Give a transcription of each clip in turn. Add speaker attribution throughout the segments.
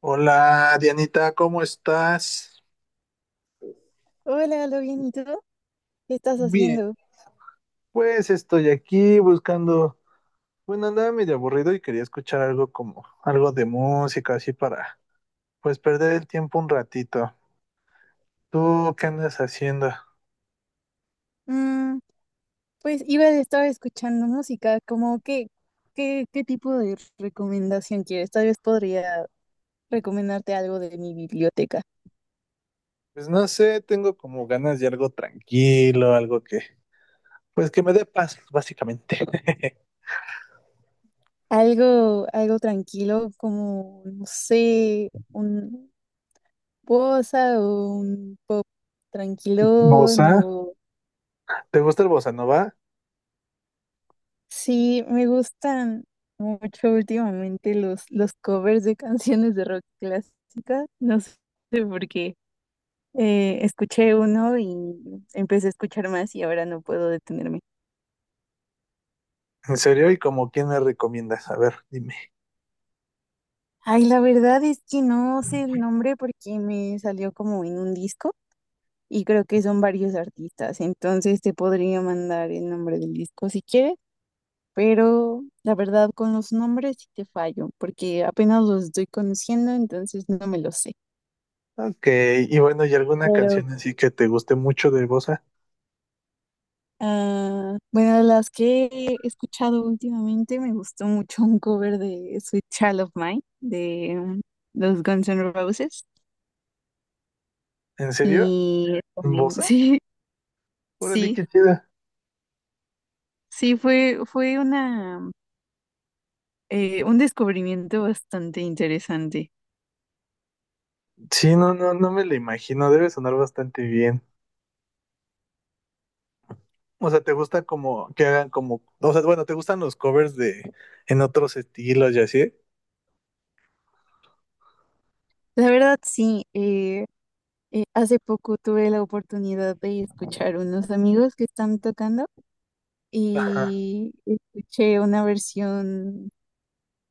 Speaker 1: Hola Dianita, ¿cómo estás?
Speaker 2: Hola, ¿lo bien? ¿Y tú? ¿Qué estás haciendo?
Speaker 1: Pues estoy aquí buscando, bueno, andaba medio aburrido y quería escuchar algo como, algo de música, así para, pues perder el tiempo un ratito. ¿Tú qué andas haciendo?
Speaker 2: Mm, pues iba a estar escuchando música, como qué, qué tipo de recomendación quieres. Tal vez podría recomendarte algo de mi biblioteca.
Speaker 1: Pues no sé, tengo como ganas de algo tranquilo, algo que, pues que me dé paz, básicamente.
Speaker 2: Algo tranquilo, como, no sé, un bossa o un pop tranquilón
Speaker 1: ¿Bosa?
Speaker 2: o...
Speaker 1: ¿Te gusta el bossa nova?
Speaker 2: Sí, me gustan mucho últimamente los covers de canciones de rock clásica. No sé por qué. Escuché uno y empecé a escuchar más y ahora no puedo detenerme.
Speaker 1: ¿En serio? ¿Y como quién me recomiendas? A ver, dime.
Speaker 2: Ay, la verdad es que no sé el nombre porque me salió como en un disco y creo que son varios artistas, entonces te podría mandar el nombre del disco si quieres, pero la verdad con los nombres sí te fallo porque apenas los estoy conociendo, entonces no me los sé.
Speaker 1: Ok, y bueno, ¿y alguna
Speaker 2: Pero
Speaker 1: canción así que te guste mucho de bossa?
Speaker 2: ah, bueno, de las que he escuchado últimamente me gustó mucho un cover de Sweet Child of Mine de los Guns N' Roses
Speaker 1: ¿En serio?
Speaker 2: y
Speaker 1: ¿Bosa?
Speaker 2: sí,
Speaker 1: Órale,
Speaker 2: sí,
Speaker 1: qué chida.
Speaker 2: sí, fue una un descubrimiento bastante interesante.
Speaker 1: Sí, no, no, no me lo imagino. Debe sonar bastante bien. O sea, ¿te gusta como que hagan como, o sea, bueno, ¿te gustan los covers de en otros estilos y así?
Speaker 2: La verdad sí, hace poco tuve la oportunidad de escuchar unos amigos que están tocando
Speaker 1: Ajá,
Speaker 2: y escuché una versión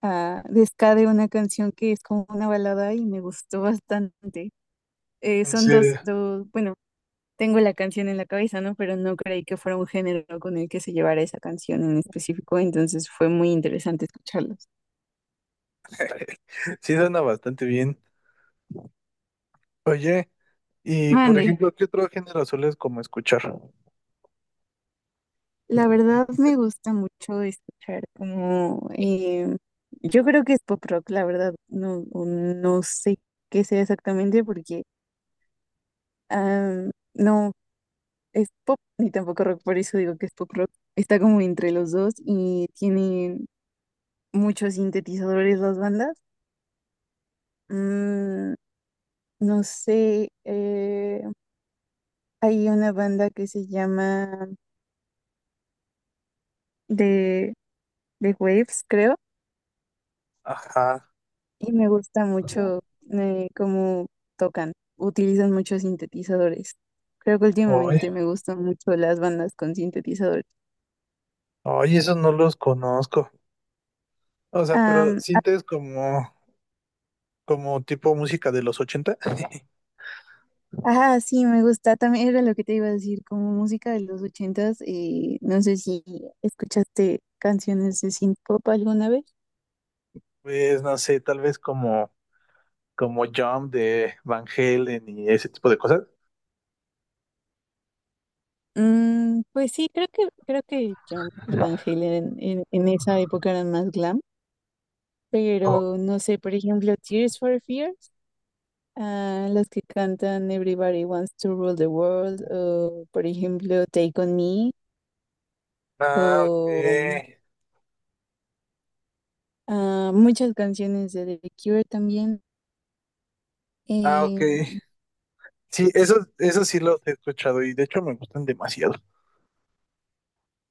Speaker 2: a Desca de una canción que es como una balada y me gustó bastante.
Speaker 1: en
Speaker 2: Son dos,
Speaker 1: serio.
Speaker 2: dos, bueno, tengo la canción en la cabeza, ¿no? Pero no creí que fuera un género con el que se llevara esa canción en específico, entonces fue muy interesante escucharlos.
Speaker 1: Sí, suena bastante bien. Oye, y por
Speaker 2: Mande,
Speaker 1: ejemplo, ¿qué otro género sueles como escuchar?
Speaker 2: la verdad me gusta mucho escuchar como, yo creo que es pop rock, la verdad, no, o no sé qué sea exactamente porque... ah, no, es pop ni tampoco rock, por eso digo que es pop rock. Está como entre los dos y tienen muchos sintetizadores las bandas. Mm, no sé, hay una banda que se llama The, The Waves, creo,
Speaker 1: Ajá.
Speaker 2: y me gusta mucho cómo tocan. Utilizan muchos sintetizadores. Creo que
Speaker 1: Oye,
Speaker 2: últimamente me gustan mucho las bandas con sintetizadores.
Speaker 1: oye, esos no los conozco. O sea, pero
Speaker 2: Am,
Speaker 1: ¿sientes como, como tipo música de los 80?
Speaker 2: Ah, sí, me gusta. También era lo que te iba a decir, como música de los ochentas. No sé si escuchaste canciones de synth-pop alguna vez.
Speaker 1: Pues no sé, tal vez como como Jump de Van Halen y ese tipo de cosas.
Speaker 2: Mm, pues sí, creo que John y Van Halen en esa época eran más glam,
Speaker 1: Oh,
Speaker 2: pero no sé, por ejemplo, Tears for Fears, ah, las que cantan Everybody Wants to Rule the World, o por ejemplo Take on Me,
Speaker 1: ah,
Speaker 2: o
Speaker 1: ok.
Speaker 2: ah, muchas canciones de The Cure también.
Speaker 1: Ah, ok.
Speaker 2: em,
Speaker 1: Sí, esos, esos sí los he escuchado y de hecho me gustan demasiado.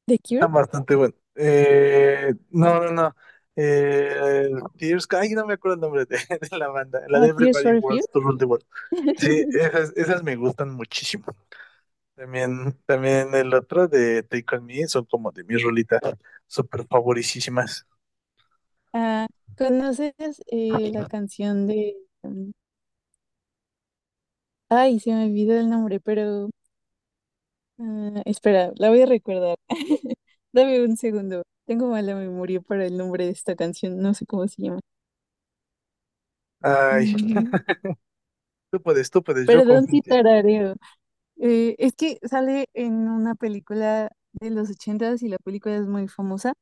Speaker 2: ¿The Cure?
Speaker 1: Están bastante buenos. No. Eh, Tears, ay, no me acuerdo el nombre de, de la banda, la de
Speaker 2: Ah, Tears
Speaker 1: Everybody
Speaker 2: for Fears.
Speaker 1: Wants to Rule the World. Sí, esas, esas me gustan muchísimo. También, también el otro de Take On Me son como de mis rolitas súper favoricísimas.
Speaker 2: Ah, ¿conoces la canción de... mm, ay, se me olvidó el nombre, pero... ah, espera, la voy a recordar. Dame un segundo. Tengo mala memoria para el nombre de esta canción. No sé cómo se llama.
Speaker 1: Ay,
Speaker 2: Mm,
Speaker 1: tú puedes, yo
Speaker 2: perdón
Speaker 1: confío en
Speaker 2: si
Speaker 1: ti.
Speaker 2: tarareo. Es que sale en una película de los ochentas y la película es muy famosa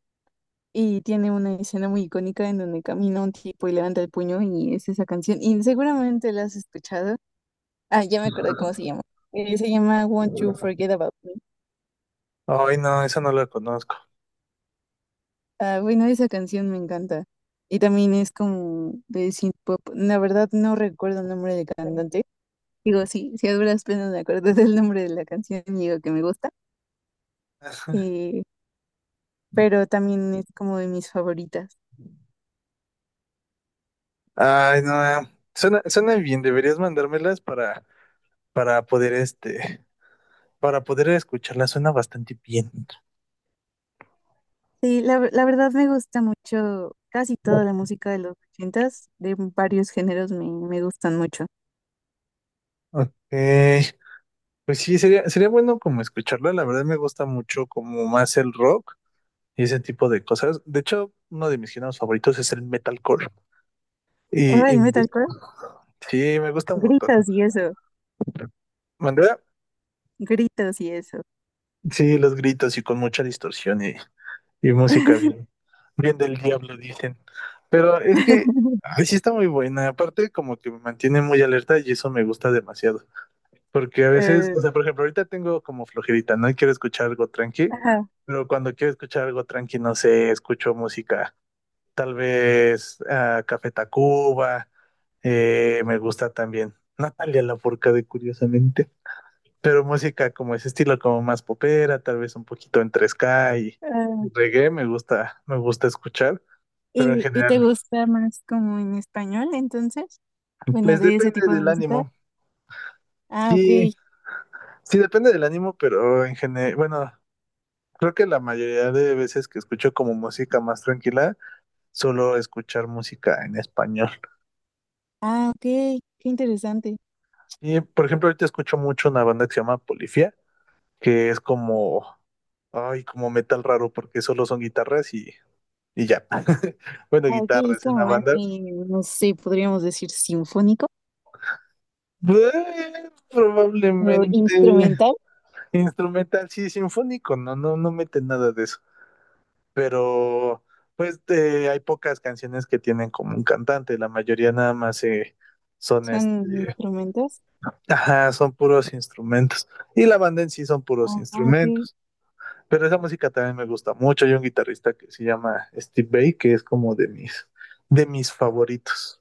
Speaker 2: y tiene una escena muy icónica en donde camina un tipo y levanta el puño y es esa canción. Y seguramente la has escuchado. Ah, ya me acordé cómo se llama. Se llama Won't You Forget About Me.
Speaker 1: Ay, no, esa no la conozco.
Speaker 2: Ah, bueno, esa canción me encanta. Y también es como de synth pop. La verdad no recuerdo el nombre del cantante. Digo, sí, si a duras penas me acuerdo del nombre de la canción y digo que me gusta. Eh, pero también es como de mis favoritas.
Speaker 1: Ay, no, suena, suena bien, deberías mandármelas para poder este, para poder escucharla, suena bastante bien.
Speaker 2: Sí, la verdad me gusta mucho casi toda la música de los ochentas, de varios géneros me gustan mucho.
Speaker 1: Ok, pues sí, sería, sería bueno como escucharla, la verdad me gusta mucho como más el rock y ese tipo de cosas. De hecho, uno de mis géneros favoritos es el metalcore.
Speaker 2: Oh, el
Speaker 1: Y
Speaker 2: metalcore,
Speaker 1: sí, me gusta un montón.
Speaker 2: gritos y eso,
Speaker 1: ¿Mandé?
Speaker 2: gritos y eso.
Speaker 1: Sí, los gritos y con mucha distorsión y música bien, bien del diablo, dicen. Pero es que, ay, sí está muy buena. Aparte, como que me mantiene muy alerta y eso me gusta demasiado. Porque a veces,
Speaker 2: Eh,
Speaker 1: o sea, por ejemplo, ahorita tengo como flojerita, ¿no? Y quiero escuchar algo tranqui,
Speaker 2: ajá,
Speaker 1: pero cuando quiero escuchar algo tranqui, no sé, escucho música. Tal vez Café Tacuba, me gusta también. Natalia Lafourcade, curiosamente pero música como ese estilo, como más popera, tal vez un poquito entre ska y
Speaker 2: ah,
Speaker 1: reggae, me gusta escuchar, pero en
Speaker 2: ¿y, y te
Speaker 1: general,
Speaker 2: gusta más como en español, entonces? Bueno,
Speaker 1: pues
Speaker 2: de ese
Speaker 1: depende
Speaker 2: tipo de
Speaker 1: del
Speaker 2: música.
Speaker 1: ánimo.
Speaker 2: Ah, ok.
Speaker 1: Sí, sí depende del ánimo, pero en general, bueno, creo que la mayoría de veces que escucho como música más tranquila, solo escuchar música en español.
Speaker 2: Ah, ok. Qué interesante.
Speaker 1: Y por ejemplo, ahorita escucho mucho una banda que se llama Polifia, que es como, ay, como metal raro, porque solo son guitarras y ya. Bueno,
Speaker 2: Ah, ok. Es
Speaker 1: guitarras en
Speaker 2: como
Speaker 1: la
Speaker 2: más,
Speaker 1: banda,
Speaker 2: no sé, podríamos decir sinfónico o
Speaker 1: Probablemente
Speaker 2: instrumental.
Speaker 1: instrumental, sí, sinfónico, no, no, no mete nada de eso. Pero, pues, hay pocas canciones que tienen como un cantante, la mayoría nada más son
Speaker 2: Son
Speaker 1: este,
Speaker 2: instrumentos.
Speaker 1: ajá, son puros instrumentos. Y la banda en sí son puros
Speaker 2: Ah, ok.
Speaker 1: instrumentos. Pero esa música también me gusta mucho. Hay un guitarrista que se llama Steve Vai, que es como de mis favoritos.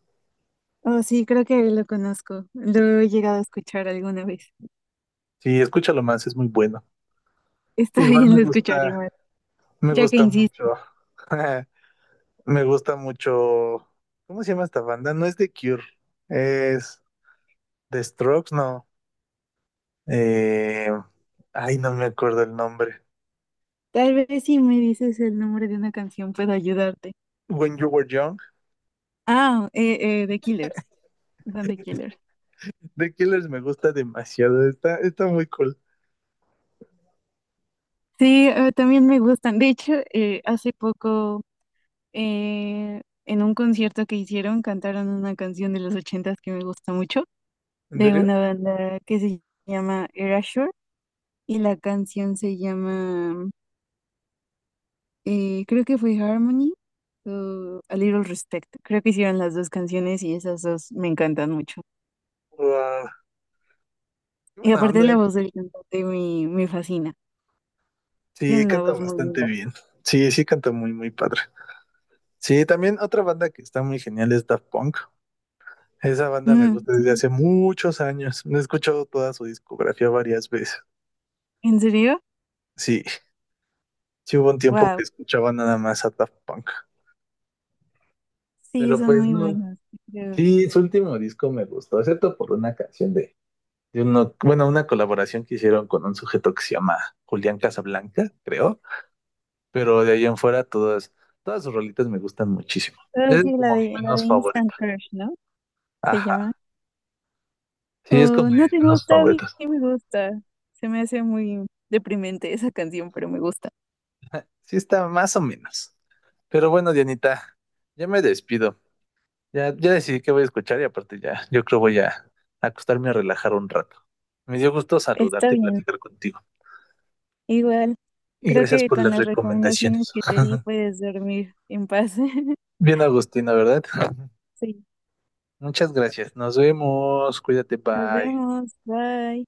Speaker 2: Oh, sí, creo que lo conozco. Lo he llegado a escuchar alguna vez.
Speaker 1: Sí, escúchalo más, es muy bueno.
Speaker 2: Está
Speaker 1: Igual
Speaker 2: bien, lo escucharé más,
Speaker 1: me
Speaker 2: ya que
Speaker 1: gusta mucho.
Speaker 2: insiste.
Speaker 1: Me gusta mucho. ¿Cómo se llama esta banda? No es The Cure. Es The Strokes, no. Eh, ay, no me acuerdo el nombre.
Speaker 2: Tal vez si me dices el nombre de una canción puedo ayudarte.
Speaker 1: When You Were Young.
Speaker 2: Ah, The Killers. Dante Killer.
Speaker 1: The Killers me gusta demasiado. Está, está muy cool.
Speaker 2: Sí, también me gustan. De hecho, hace poco en un concierto que hicieron cantaron una canción de los ochentas que me gusta mucho,
Speaker 1: ¿En
Speaker 2: de
Speaker 1: serio?
Speaker 2: una banda que se llama Erasure y la canción se llama, creo que fue Harmony o A Little Respect. Creo que hicieron las dos canciones y esas dos me encantan mucho.
Speaker 1: Wow. Qué
Speaker 2: Y
Speaker 1: buena
Speaker 2: aparte
Speaker 1: onda.
Speaker 2: la voz del cantante me fascina.
Speaker 1: Sí,
Speaker 2: Tiene una
Speaker 1: canta
Speaker 2: voz muy
Speaker 1: bastante
Speaker 2: linda.
Speaker 1: bien. Sí, sí, canta muy, muy padre. Sí, también otra banda que está muy genial es Daft Punk. Esa banda me
Speaker 2: Mm,
Speaker 1: gusta desde
Speaker 2: sí.
Speaker 1: hace muchos años. He escuchado toda su discografía varias veces.
Speaker 2: ¿En serio?
Speaker 1: Sí. Sí hubo un tiempo
Speaker 2: Wow.
Speaker 1: que escuchaba nada más a Daft Punk.
Speaker 2: Sí,
Speaker 1: Pero
Speaker 2: son
Speaker 1: pues
Speaker 2: muy
Speaker 1: no.
Speaker 2: buenos, creo.
Speaker 1: Sí, su último disco me gustó, excepto por una canción de uno, bueno, una colaboración que hicieron con un sujeto que se llama Julián Casablanca, creo. Pero de ahí en fuera todas, todas sus rolitas me gustan muchísimo.
Speaker 2: Oh,
Speaker 1: Es
Speaker 2: sí,
Speaker 1: como mi
Speaker 2: la de
Speaker 1: menos
Speaker 2: Instant
Speaker 1: favorita.
Speaker 2: Crush, ¿no? Se llama.
Speaker 1: Ajá. Sí, es
Speaker 2: Oh,
Speaker 1: como de
Speaker 2: no
Speaker 1: mis
Speaker 2: te
Speaker 1: menos
Speaker 2: gusta, a mí
Speaker 1: favoritas.
Speaker 2: sí me gusta. Se me hace muy deprimente esa canción, pero me gusta.
Speaker 1: Sí está más o menos. Pero bueno, Dianita, ya me despido. Ya, ya decidí que voy a escuchar y aparte ya, yo creo voy a acostarme a relajar un rato. Me dio gusto
Speaker 2: Está
Speaker 1: saludarte y
Speaker 2: bien.
Speaker 1: platicar contigo.
Speaker 2: Igual,
Speaker 1: Y
Speaker 2: creo
Speaker 1: gracias
Speaker 2: que
Speaker 1: por
Speaker 2: con
Speaker 1: las
Speaker 2: las recomendaciones
Speaker 1: recomendaciones.
Speaker 2: que te di puedes dormir en paz.
Speaker 1: Bien, Agustina, ¿verdad?
Speaker 2: Sí,
Speaker 1: Muchas gracias. Nos vemos. Cuídate,
Speaker 2: nos
Speaker 1: bye.
Speaker 2: vemos. Bye.